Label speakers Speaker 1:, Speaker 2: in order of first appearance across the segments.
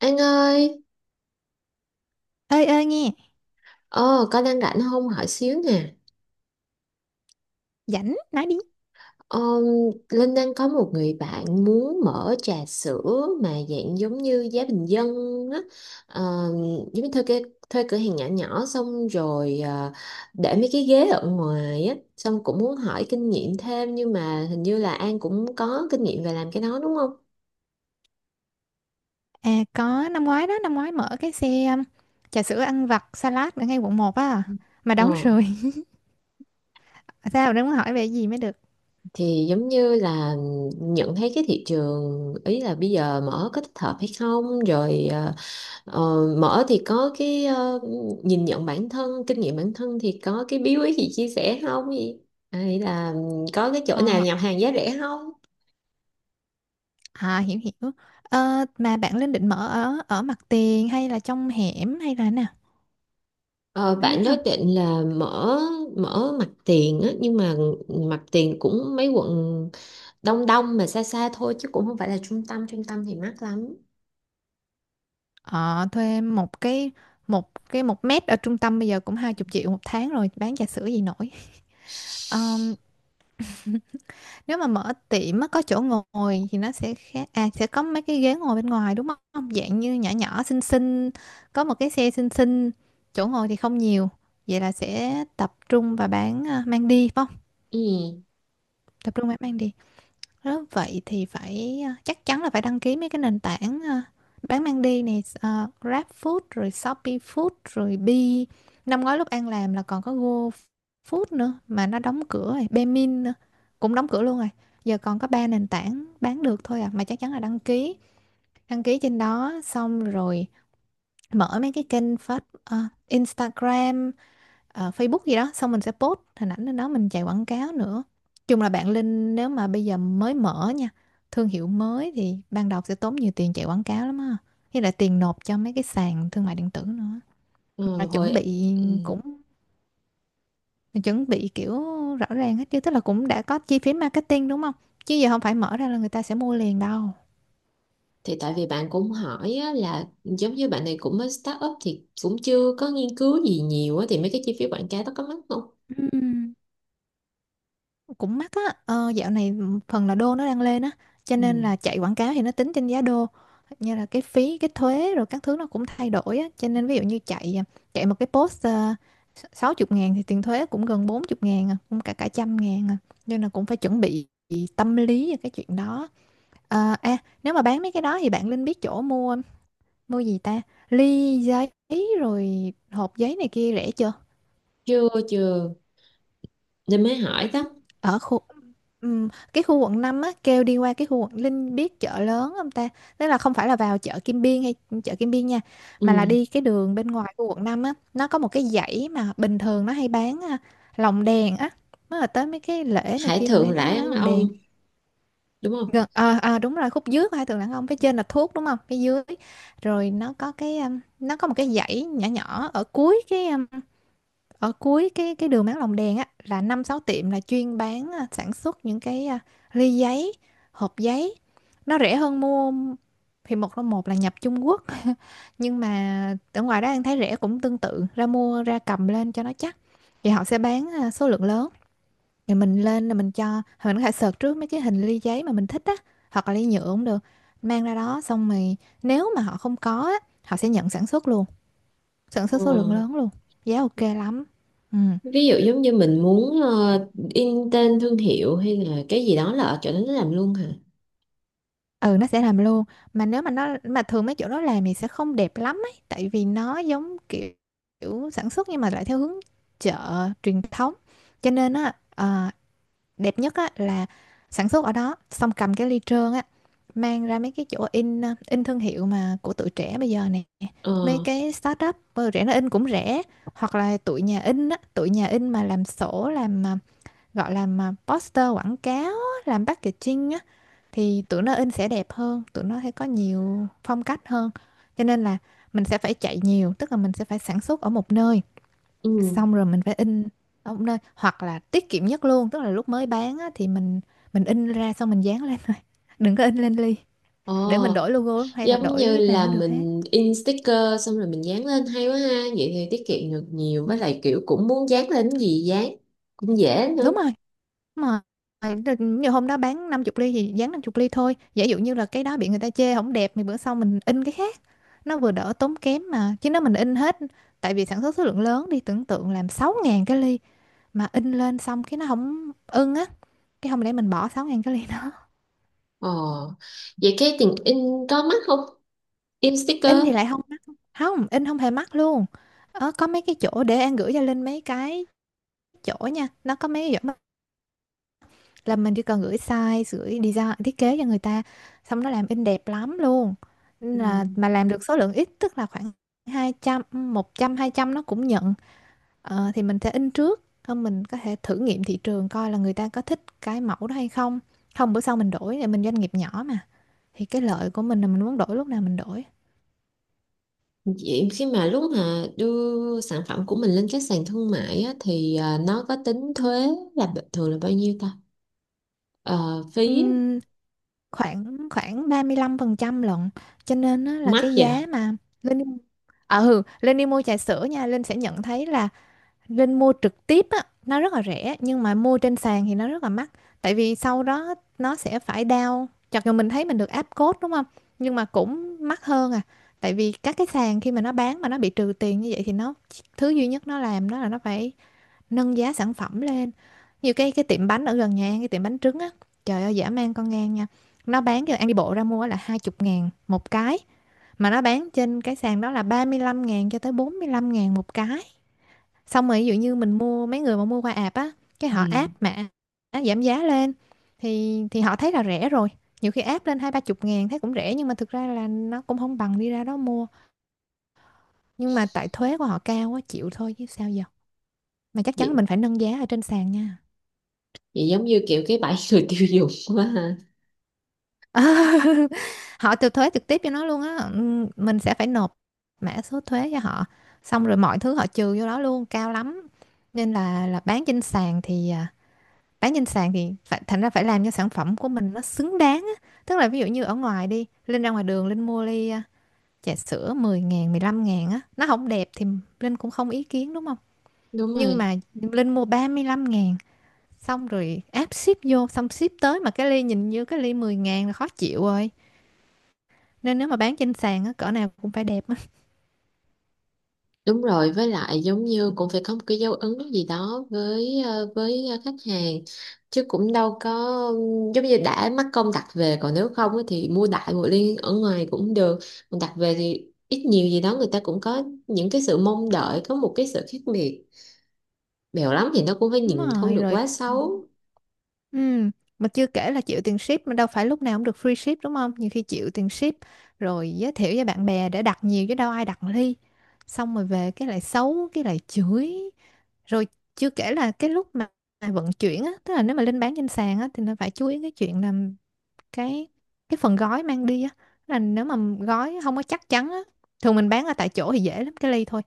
Speaker 1: Anh ơi,
Speaker 2: Ơi ơi nghe.
Speaker 1: ờ, có đang rảnh không hỏi xíu nè.
Speaker 2: Rảnh nói đi.
Speaker 1: Ờ, Linh đang có một người bạn muốn mở trà sữa mà dạng giống như giá bình dân á. Ờ, Giống như thuê cái thuê cửa hàng nhỏ nhỏ xong rồi để mấy cái ghế ở ngoài á, xong cũng muốn hỏi kinh nghiệm thêm, nhưng mà hình như là An cũng có kinh nghiệm về làm cái đó đúng không?
Speaker 2: À có, năm ngoái đó, năm ngoái mở cái xe trà sữa ăn vặt salad ở ngay quận một á, mà
Speaker 1: Ờ,
Speaker 2: đóng rồi. Mà sao, đừng có hỏi về gì mới được?
Speaker 1: thì giống như là nhận thấy cái thị trường, ý là bây giờ mở có thích hợp hay không, rồi Ờ, mở thì có cái nhìn nhận bản thân, kinh nghiệm bản thân thì có cái bí quyết gì chia sẻ không? Gì? Hay là có cái chỗ nào
Speaker 2: Ờ,
Speaker 1: nhập hàng giá rẻ không?
Speaker 2: à, hiểu hiểu Ờ mà bạn lên định mở ở ở mặt tiền hay là trong hẻm hay là thế nào,
Speaker 1: Ờ,
Speaker 2: có biết
Speaker 1: bạn đó
Speaker 2: không?
Speaker 1: định là mở mở mặt tiền á, nhưng mà mặt tiền cũng mấy quận đông đông mà xa xa thôi chứ cũng không phải là trung tâm thì mắc lắm.
Speaker 2: Ờ, thuê một cái, một mét ở trung tâm bây giờ cũng 20 triệu một tháng rồi, bán trà sữa gì nổi. Nếu mà mở tiệm á, có chỗ ngồi thì nó sẽ khác. À, sẽ có mấy cái ghế ngồi bên ngoài đúng không? Dạng như nhỏ nhỏ xinh xinh, có một cái xe xinh xinh, chỗ ngồi thì không nhiều. Vậy là sẽ tập trung và bán à, mang đi phải không?
Speaker 1: Ừ,
Speaker 2: Tập trung và bán mang đi. Đó, vậy thì phải chắc chắn là phải đăng ký mấy cái nền tảng bán mang đi này, GrabFood rồi Shopee Food rồi Bee. Năm ngoái lúc An làm là còn có GoFood nữa mà nó đóng cửa rồi, Baemin nữa cũng đóng cửa luôn rồi, giờ còn có ba nền tảng bán được thôi à. Mà chắc chắn là đăng ký, đăng ký trên đó xong rồi mở mấy cái kênh phát, Instagram, Facebook gì đó, xong mình sẽ post hình ảnh lên đó, mình chạy quảng cáo nữa. Chung là bạn Linh nếu mà bây giờ mới mở nha, thương hiệu mới thì ban đầu sẽ tốn nhiều tiền chạy quảng cáo lắm á, với lại tiền nộp cho mấy cái sàn thương mại điện tử nữa. Mà
Speaker 1: ừ,
Speaker 2: chuẩn
Speaker 1: hồi,
Speaker 2: bị
Speaker 1: ừ.
Speaker 2: cũng chuẩn bị kiểu rõ ràng hết chứ, tức là cũng đã có chi phí marketing đúng không, chứ giờ không phải mở ra là người ta sẽ mua liền đâu.
Speaker 1: Thì tại vì bạn cũng hỏi á, là giống như bạn này cũng mới start up thì cũng chưa có nghiên cứu gì nhiều á, thì mấy cái chi phí quảng cáo đó có mắc không?
Speaker 2: Ừ. Cũng mắc á. Ờ, dạo này phần là đô nó đang lên á, cho nên
Speaker 1: Ừ.
Speaker 2: là chạy quảng cáo thì nó tính trên giá đô, như là cái phí cái thuế rồi các thứ nó cũng thay đổi á. Cho nên ví dụ như chạy à, chạy một cái post 60 ngàn thì tiền thuế cũng gần 40 ngàn à, cũng cả cả trăm ngàn à. Nên là cũng phải chuẩn bị tâm lý về cái chuyện đó. À, à, nếu mà bán mấy cái đó thì bạn Linh biết chỗ mua, mua gì ta, ly giấy rồi hộp giấy này kia rẻ chưa?
Speaker 1: Chưa, chưa, nên mới hỏi đó.
Speaker 2: Ở khu, cái khu quận 5 á, kêu đi qua cái khu quận, Linh biết chợ lớn không ta? Tức là không phải là vào chợ Kim Biên hay chợ Kim Biên nha, mà là
Speaker 1: Ừ.
Speaker 2: đi cái đường bên ngoài khu quận 5 á, nó có một cái dãy mà bình thường nó hay bán à, lồng đèn á, mới là tới mấy cái lễ này
Speaker 1: Hải
Speaker 2: kia mình
Speaker 1: Thượng
Speaker 2: hay thấy
Speaker 1: Lãi
Speaker 2: nó bán
Speaker 1: Ăn
Speaker 2: lồng đèn.
Speaker 1: Ông, đúng không?
Speaker 2: Gần à, à, đúng rồi, khúc dưới của hai tường đàn ông, phía trên là thuốc đúng không, cái dưới rồi nó có cái nó có một cái dãy nhỏ nhỏ ở cuối cái, ở cuối cái đường Mát Lòng Đèn á, là năm sáu tiệm là chuyên bán à, sản xuất những cái à, ly giấy, hộp giấy, nó rẻ hơn mua. Thì một là nhập Trung Quốc, nhưng mà ở ngoài đó anh thấy rẻ cũng tương tự, ra mua, ra cầm lên cho nó chắc. Thì họ sẽ bán à, số lượng lớn. Thì mình lên là mình cho mình có thể search trước mấy cái hình ly giấy mà mình thích á, hoặc là ly nhựa cũng được, mang ra đó xong rồi nếu mà họ không có á, họ sẽ nhận sản xuất luôn, sản xuất số lượng
Speaker 1: Ừ.
Speaker 2: lớn luôn. Giá ok lắm. Ừ.
Speaker 1: Ví dụ giống như mình muốn in tên thương hiệu hay là cái gì đó là ở chỗ đó nó làm luôn hả?
Speaker 2: Ừ, nó sẽ làm luôn. Mà nếu mà nó mà thường mấy chỗ đó làm thì sẽ không đẹp lắm ấy, tại vì nó giống kiểu, kiểu sản xuất nhưng mà lại theo hướng chợ truyền thống. Cho nên á, ờ, đẹp nhất á là sản xuất ở đó xong cầm cái ly trơn á, mang ra mấy cái chỗ in, in thương hiệu mà của tụi trẻ bây giờ nè,
Speaker 1: Ờ.
Speaker 2: mấy cái startup, rẻ, nó in cũng rẻ. Hoặc là tụi nhà in á, tụi nhà in mà làm sổ làm gọi là poster quảng cáo á, làm packaging á, thì tụi nó in sẽ đẹp hơn, tụi nó sẽ có nhiều phong cách hơn. Cho nên là mình sẽ phải chạy nhiều, tức là mình sẽ phải sản xuất ở một nơi,
Speaker 1: Ừ.
Speaker 2: xong rồi mình phải in ở một nơi, hoặc là tiết kiệm nhất luôn tức là lúc mới bán á, thì mình in ra xong mình dán lên thôi, đừng có in lên ly,
Speaker 1: ờ
Speaker 2: để mình đổi logo hay là
Speaker 1: Giống như
Speaker 2: đổi nào
Speaker 1: là
Speaker 2: cũng được hết.
Speaker 1: mình in sticker xong rồi mình dán lên hay quá ha. Vậy thì tiết kiệm được nhiều,
Speaker 2: Ừ,
Speaker 1: với lại kiểu cũng muốn dán lên cái gì dán cũng dễ nữa.
Speaker 2: đúng rồi. Mà nhiều hôm đó bán 50 ly thì dán 50 ly thôi. Giả dụ như là cái đó bị người ta chê không đẹp thì bữa sau mình in cái khác. Nó vừa đỡ tốn kém mà. Chứ nếu mình in hết, tại vì sản xuất số lượng lớn đi, tưởng tượng làm 6.000 cái ly mà in lên xong cái nó không ưng á, cái không lẽ mình bỏ 6.000 cái ly đó.
Speaker 1: ờ Vậy cái tiền in có mắc không? In sticker?
Speaker 2: In thì lại không mắc. Không, in không hề mắc luôn. Ờ, có mấy cái chỗ để An gửi cho Linh mấy cái chỗ nha. Nó có mấy cái chỗ là mình chỉ cần gửi size, gửi design thiết kế cho người ta, xong nó làm in đẹp lắm luôn.
Speaker 1: Ừ.
Speaker 2: Nên là mà làm được số lượng ít, tức là khoảng 200, 100 200 nó cũng nhận. Ờ, thì mình sẽ in trước, không mình có thể thử nghiệm thị trường coi là người ta có thích cái mẫu đó hay không, không bữa sau mình đổi, thì mình doanh nghiệp nhỏ mà, thì cái lợi của mình là mình muốn đổi lúc nào mình đổi.
Speaker 1: Vậy khi mà lúc mà đưa sản phẩm của mình lên các sàn thương mại á, thì nó có tính thuế là thường là bao nhiêu ta? Ờ, Phí.
Speaker 2: Ừm, khoảng khoảng 35% lận, cho nên á là
Speaker 1: Mắc
Speaker 2: cái
Speaker 1: vậy
Speaker 2: giá
Speaker 1: à?
Speaker 2: mà lên. Ừ, lên đi mua trà sữa nha, Linh sẽ nhận thấy là Linh mua trực tiếp á, nó rất là rẻ, nhưng mà mua trên sàn thì nó rất là mắc. Tại vì sau đó nó sẽ phải down. Chặt dù mình thấy mình được áp code đúng không? Nhưng mà cũng mắc hơn à. Tại vì các cái sàn khi mà nó bán mà nó bị trừ tiền như vậy thì nó, thứ duy nhất nó làm đó là nó phải nâng giá sản phẩm lên. Như cái tiệm bánh ở gần nhà An, cái tiệm bánh trứng á, trời ơi, dã man con ngang nha. Nó bán cho An đi bộ ra mua là 20 ngàn một cái, mà nó bán trên cái sàn đó là 35 ngàn cho tới 45 ngàn một cái. Xong rồi ví dụ như mình mua, mấy người mà mua qua app á, cái
Speaker 1: Ừ.
Speaker 2: họ áp mà á, giảm giá lên, thì họ thấy là rẻ rồi, nhiều khi áp lên 20 30 ngàn thấy cũng rẻ, nhưng mà thực ra là nó cũng không bằng đi ra đó mua. Nhưng mà tại thuế của họ cao quá, chịu thôi chứ sao giờ. Mà chắc chắn là
Speaker 1: vậy
Speaker 2: mình phải nâng giá ở trên sàn nha.
Speaker 1: vậy giống như kiểu cái bẫy người tiêu dùng quá ha.
Speaker 2: Họ từ thuế trực tiếp cho nó luôn á. Ừ, mình sẽ phải nộp mã số thuế cho họ, xong rồi mọi thứ họ trừ vô đó luôn, cao lắm. Nên là bán trên sàn thì à, bán trên sàn thì phải, thành ra phải làm cho sản phẩm của mình nó xứng đáng á. Tức là ví dụ như ở ngoài đi, Linh ra ngoài đường Linh mua ly à, trà sữa 10 ngàn 15 ngàn á, nó không đẹp thì Linh cũng không ý kiến đúng không?
Speaker 1: Đúng
Speaker 2: Nhưng
Speaker 1: rồi.
Speaker 2: mà Linh mua 35 ngàn, xong rồi áp ship vô, xong ship tới mà cái ly nhìn như cái ly 10 ngàn là khó chịu rồi. Nên nếu mà bán trên sàn á, cỡ nào cũng phải đẹp.
Speaker 1: Đúng rồi, với lại giống như cũng phải có một cái dấu ấn gì đó với khách hàng, chứ cũng đâu có. Giống như đã mắc công đặt về, còn nếu không á thì mua đại một liên ở ngoài cũng được. Còn đặt về thì ít nhiều gì đó người ta cũng có những cái sự mong đợi có một cái sự khác biệt. Bèo lắm thì nó cũng phải
Speaker 2: Đúng
Speaker 1: nhìn không
Speaker 2: rồi,
Speaker 1: được
Speaker 2: rồi.
Speaker 1: quá xấu.
Speaker 2: Ừ, mà chưa kể là chịu tiền ship mà đâu phải lúc nào cũng được free ship đúng không? Nhiều khi chịu tiền ship, rồi giới thiệu cho bạn bè để đặt nhiều, chứ đâu ai đặt ly. Xong rồi về cái lại xấu, cái lại chửi. Rồi chưa kể là cái lúc mà vận chuyển á, tức là nếu mà lên bán trên sàn á thì nó phải chú ý cái chuyện là cái cái phần gói mang đi á là nếu mà gói không có chắc chắn á, thường mình bán ở tại chỗ thì dễ lắm cái ly thôi,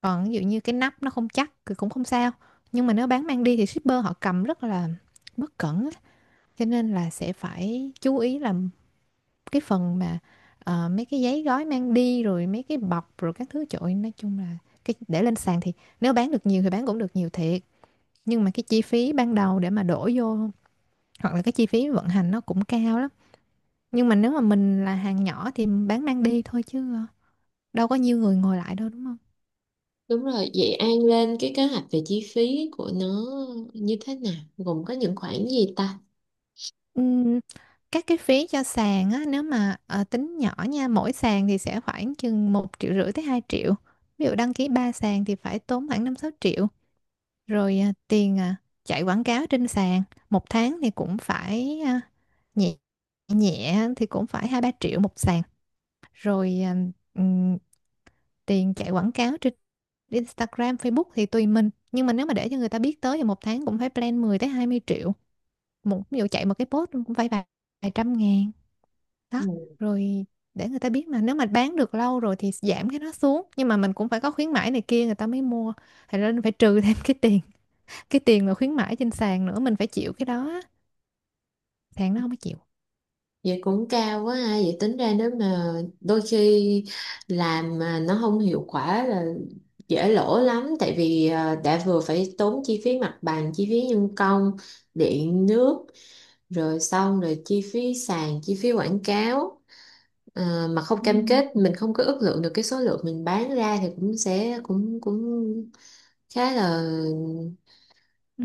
Speaker 2: còn ví dụ như cái nắp nó không chắc thì cũng không sao, nhưng mà nếu bán mang đi thì shipper họ cầm rất là bất cẩn á. Cho nên là sẽ phải chú ý làm cái phần mà mấy cái giấy gói mang đi rồi mấy cái bọc rồi các thứ trội, nói chung là cái để lên sàn thì nếu bán được nhiều thì bán cũng được nhiều thiệt, nhưng mà cái chi phí ban đầu để mà đổ vô hoặc là cái chi phí vận hành nó cũng cao lắm. Nhưng mà nếu mà mình là hàng nhỏ thì bán mang đi thôi chứ đâu có nhiều người ngồi lại đâu đúng không?
Speaker 1: Đúng rồi. Vậy An lên cái kế hoạch về chi phí của nó như thế nào, gồm có những khoản gì ta?
Speaker 2: Ừm, các cái phí cho sàn á, nếu mà tính nhỏ nha, mỗi sàn thì sẽ khoảng chừng một triệu rưỡi tới 2 triệu. Ví dụ đăng ký 3 sàn thì phải tốn khoảng năm sáu triệu. Rồi tiền chạy quảng cáo trên sàn, một tháng thì cũng phải nhẹ nhẹ thì cũng phải hai ba triệu một sàn. Rồi ờ, ừm, Tiền chạy quảng cáo trên Instagram, Facebook thì tùy mình. Nhưng mà nếu mà để cho người ta biết tới thì một tháng cũng phải plan 10 tới 20 triệu. Một ví dụ chạy một cái post cũng phải vài trăm ngàn. Đó, rồi để người ta biết mà nếu mà bán được lâu rồi thì giảm cái nó xuống. Nhưng mà mình cũng phải có khuyến mãi này kia người ta mới mua. Thì nên phải trừ thêm cái tiền mà khuyến mãi trên sàn nữa mình phải chịu cái đó. Sàn nó không có chịu.
Speaker 1: Vậy cũng cao quá ha. Vậy tính ra nếu mà đôi khi làm mà nó không hiệu quả là dễ lỗ lắm, tại vì đã vừa phải tốn chi phí mặt bằng, chi phí nhân công, điện nước, rồi xong rồi chi phí sàn, chi phí quảng cáo, mà không
Speaker 2: Ừ.
Speaker 1: cam kết mình không có ước lượng được cái số lượng mình bán ra thì cũng sẽ cũng cũng khá là
Speaker 2: Ừ.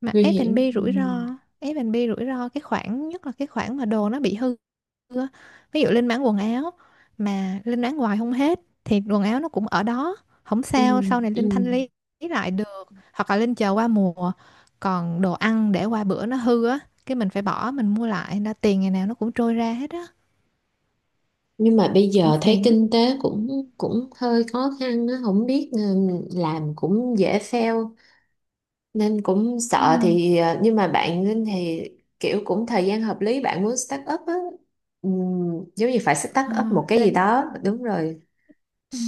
Speaker 2: Mà
Speaker 1: nguy hiểm.
Speaker 2: F&B
Speaker 1: Ừ.
Speaker 2: rủi ro, F&B rủi ro cái khoản nhất là cái khoản mà đồ nó bị hư xưa. Ví dụ Linh bán quần áo mà Linh bán hoài không hết thì quần áo nó cũng ở đó, không
Speaker 1: Ừ.
Speaker 2: sao, sau này Linh
Speaker 1: Ừ.
Speaker 2: thanh lý lại được hoặc là Linh chờ qua mùa. Còn đồ ăn để qua bữa nó hư á, cái mình phải bỏ mình mua lại, nên là tiền ngày nào nó cũng trôi ra hết á,
Speaker 1: Nhưng mà bây
Speaker 2: cũng
Speaker 1: giờ thấy
Speaker 2: phiền lắm.
Speaker 1: kinh tế cũng cũng hơi khó khăn á, không biết, ừ, làm cũng dễ fail nên cũng
Speaker 2: Ừ.
Speaker 1: sợ, thì nhưng mà bạn Linh thì kiểu cũng thời gian hợp lý bạn muốn start up á. Giống như phải start
Speaker 2: Ờ,
Speaker 1: up một cái gì
Speaker 2: Linh
Speaker 1: đó đúng rồi.
Speaker 2: ừ.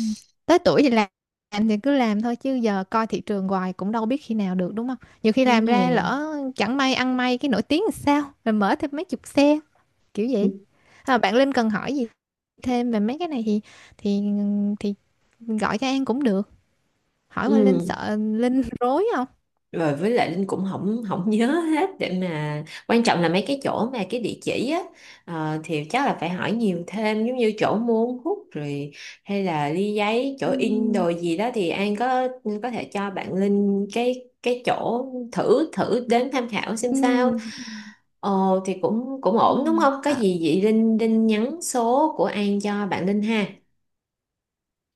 Speaker 2: Tới tuổi thì làm thì cứ làm thôi chứ giờ coi thị trường hoài cũng đâu biết khi nào được đúng không? Nhiều khi
Speaker 1: Đúng
Speaker 2: làm ra
Speaker 1: rồi.
Speaker 2: lỡ chẳng may ăn may cái nổi tiếng thì sao? Rồi mở thêm mấy chục xe kiểu vậy. À, bạn Linh cần hỏi gì thêm về mấy cái này thì thì thì gọi cho An cũng được, hỏi qua Linh
Speaker 1: Ừ.
Speaker 2: sợ Linh rối không.
Speaker 1: Rồi với lại Linh cũng không không nhớ hết, để mà quan trọng là mấy cái chỗ mà cái địa chỉ á, thì chắc là phải hỏi nhiều thêm, giống như chỗ mua uống hút rồi hay là ly giấy, chỗ in
Speaker 2: Ừm,
Speaker 1: đồ gì đó thì An có thể cho bạn Linh cái chỗ thử thử đến tham khảo xem sao.
Speaker 2: ừm,
Speaker 1: Ồ thì cũng cũng ổn đúng
Speaker 2: Ừm.
Speaker 1: không, có
Speaker 2: Ờ,
Speaker 1: gì vậy Linh Linh nhắn số của An cho bạn Linh ha.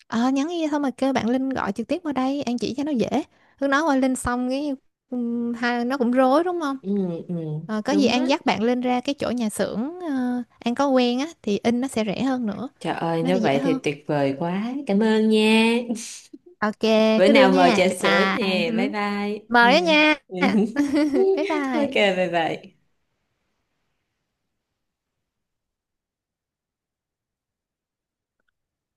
Speaker 2: ờ, Nhắn đi thôi mà kêu bạn Linh gọi trực tiếp qua đây An chỉ cho nó dễ, cứ nói qua Linh xong cái ha, nó cũng rối đúng không?
Speaker 1: Ừ, ừ.
Speaker 2: Ờ, có gì
Speaker 1: Đúng á.
Speaker 2: An dắt bạn Linh ra cái chỗ nhà xưởng, An có quen á thì in nó sẽ rẻ hơn nữa,
Speaker 1: Trời ơi,
Speaker 2: nó sẽ
Speaker 1: nếu
Speaker 2: dễ
Speaker 1: vậy thì
Speaker 2: hơn.
Speaker 1: tuyệt vời quá. Cảm ơn nha.
Speaker 2: Ok,
Speaker 1: Bữa
Speaker 2: cứ đưa
Speaker 1: nào mời
Speaker 2: nha,
Speaker 1: trà
Speaker 2: bye
Speaker 1: sữa
Speaker 2: bye.
Speaker 1: nè. Bye bye. Ừ.
Speaker 2: Mời đó nha. Bye
Speaker 1: Ok,
Speaker 2: bye.
Speaker 1: bye bye.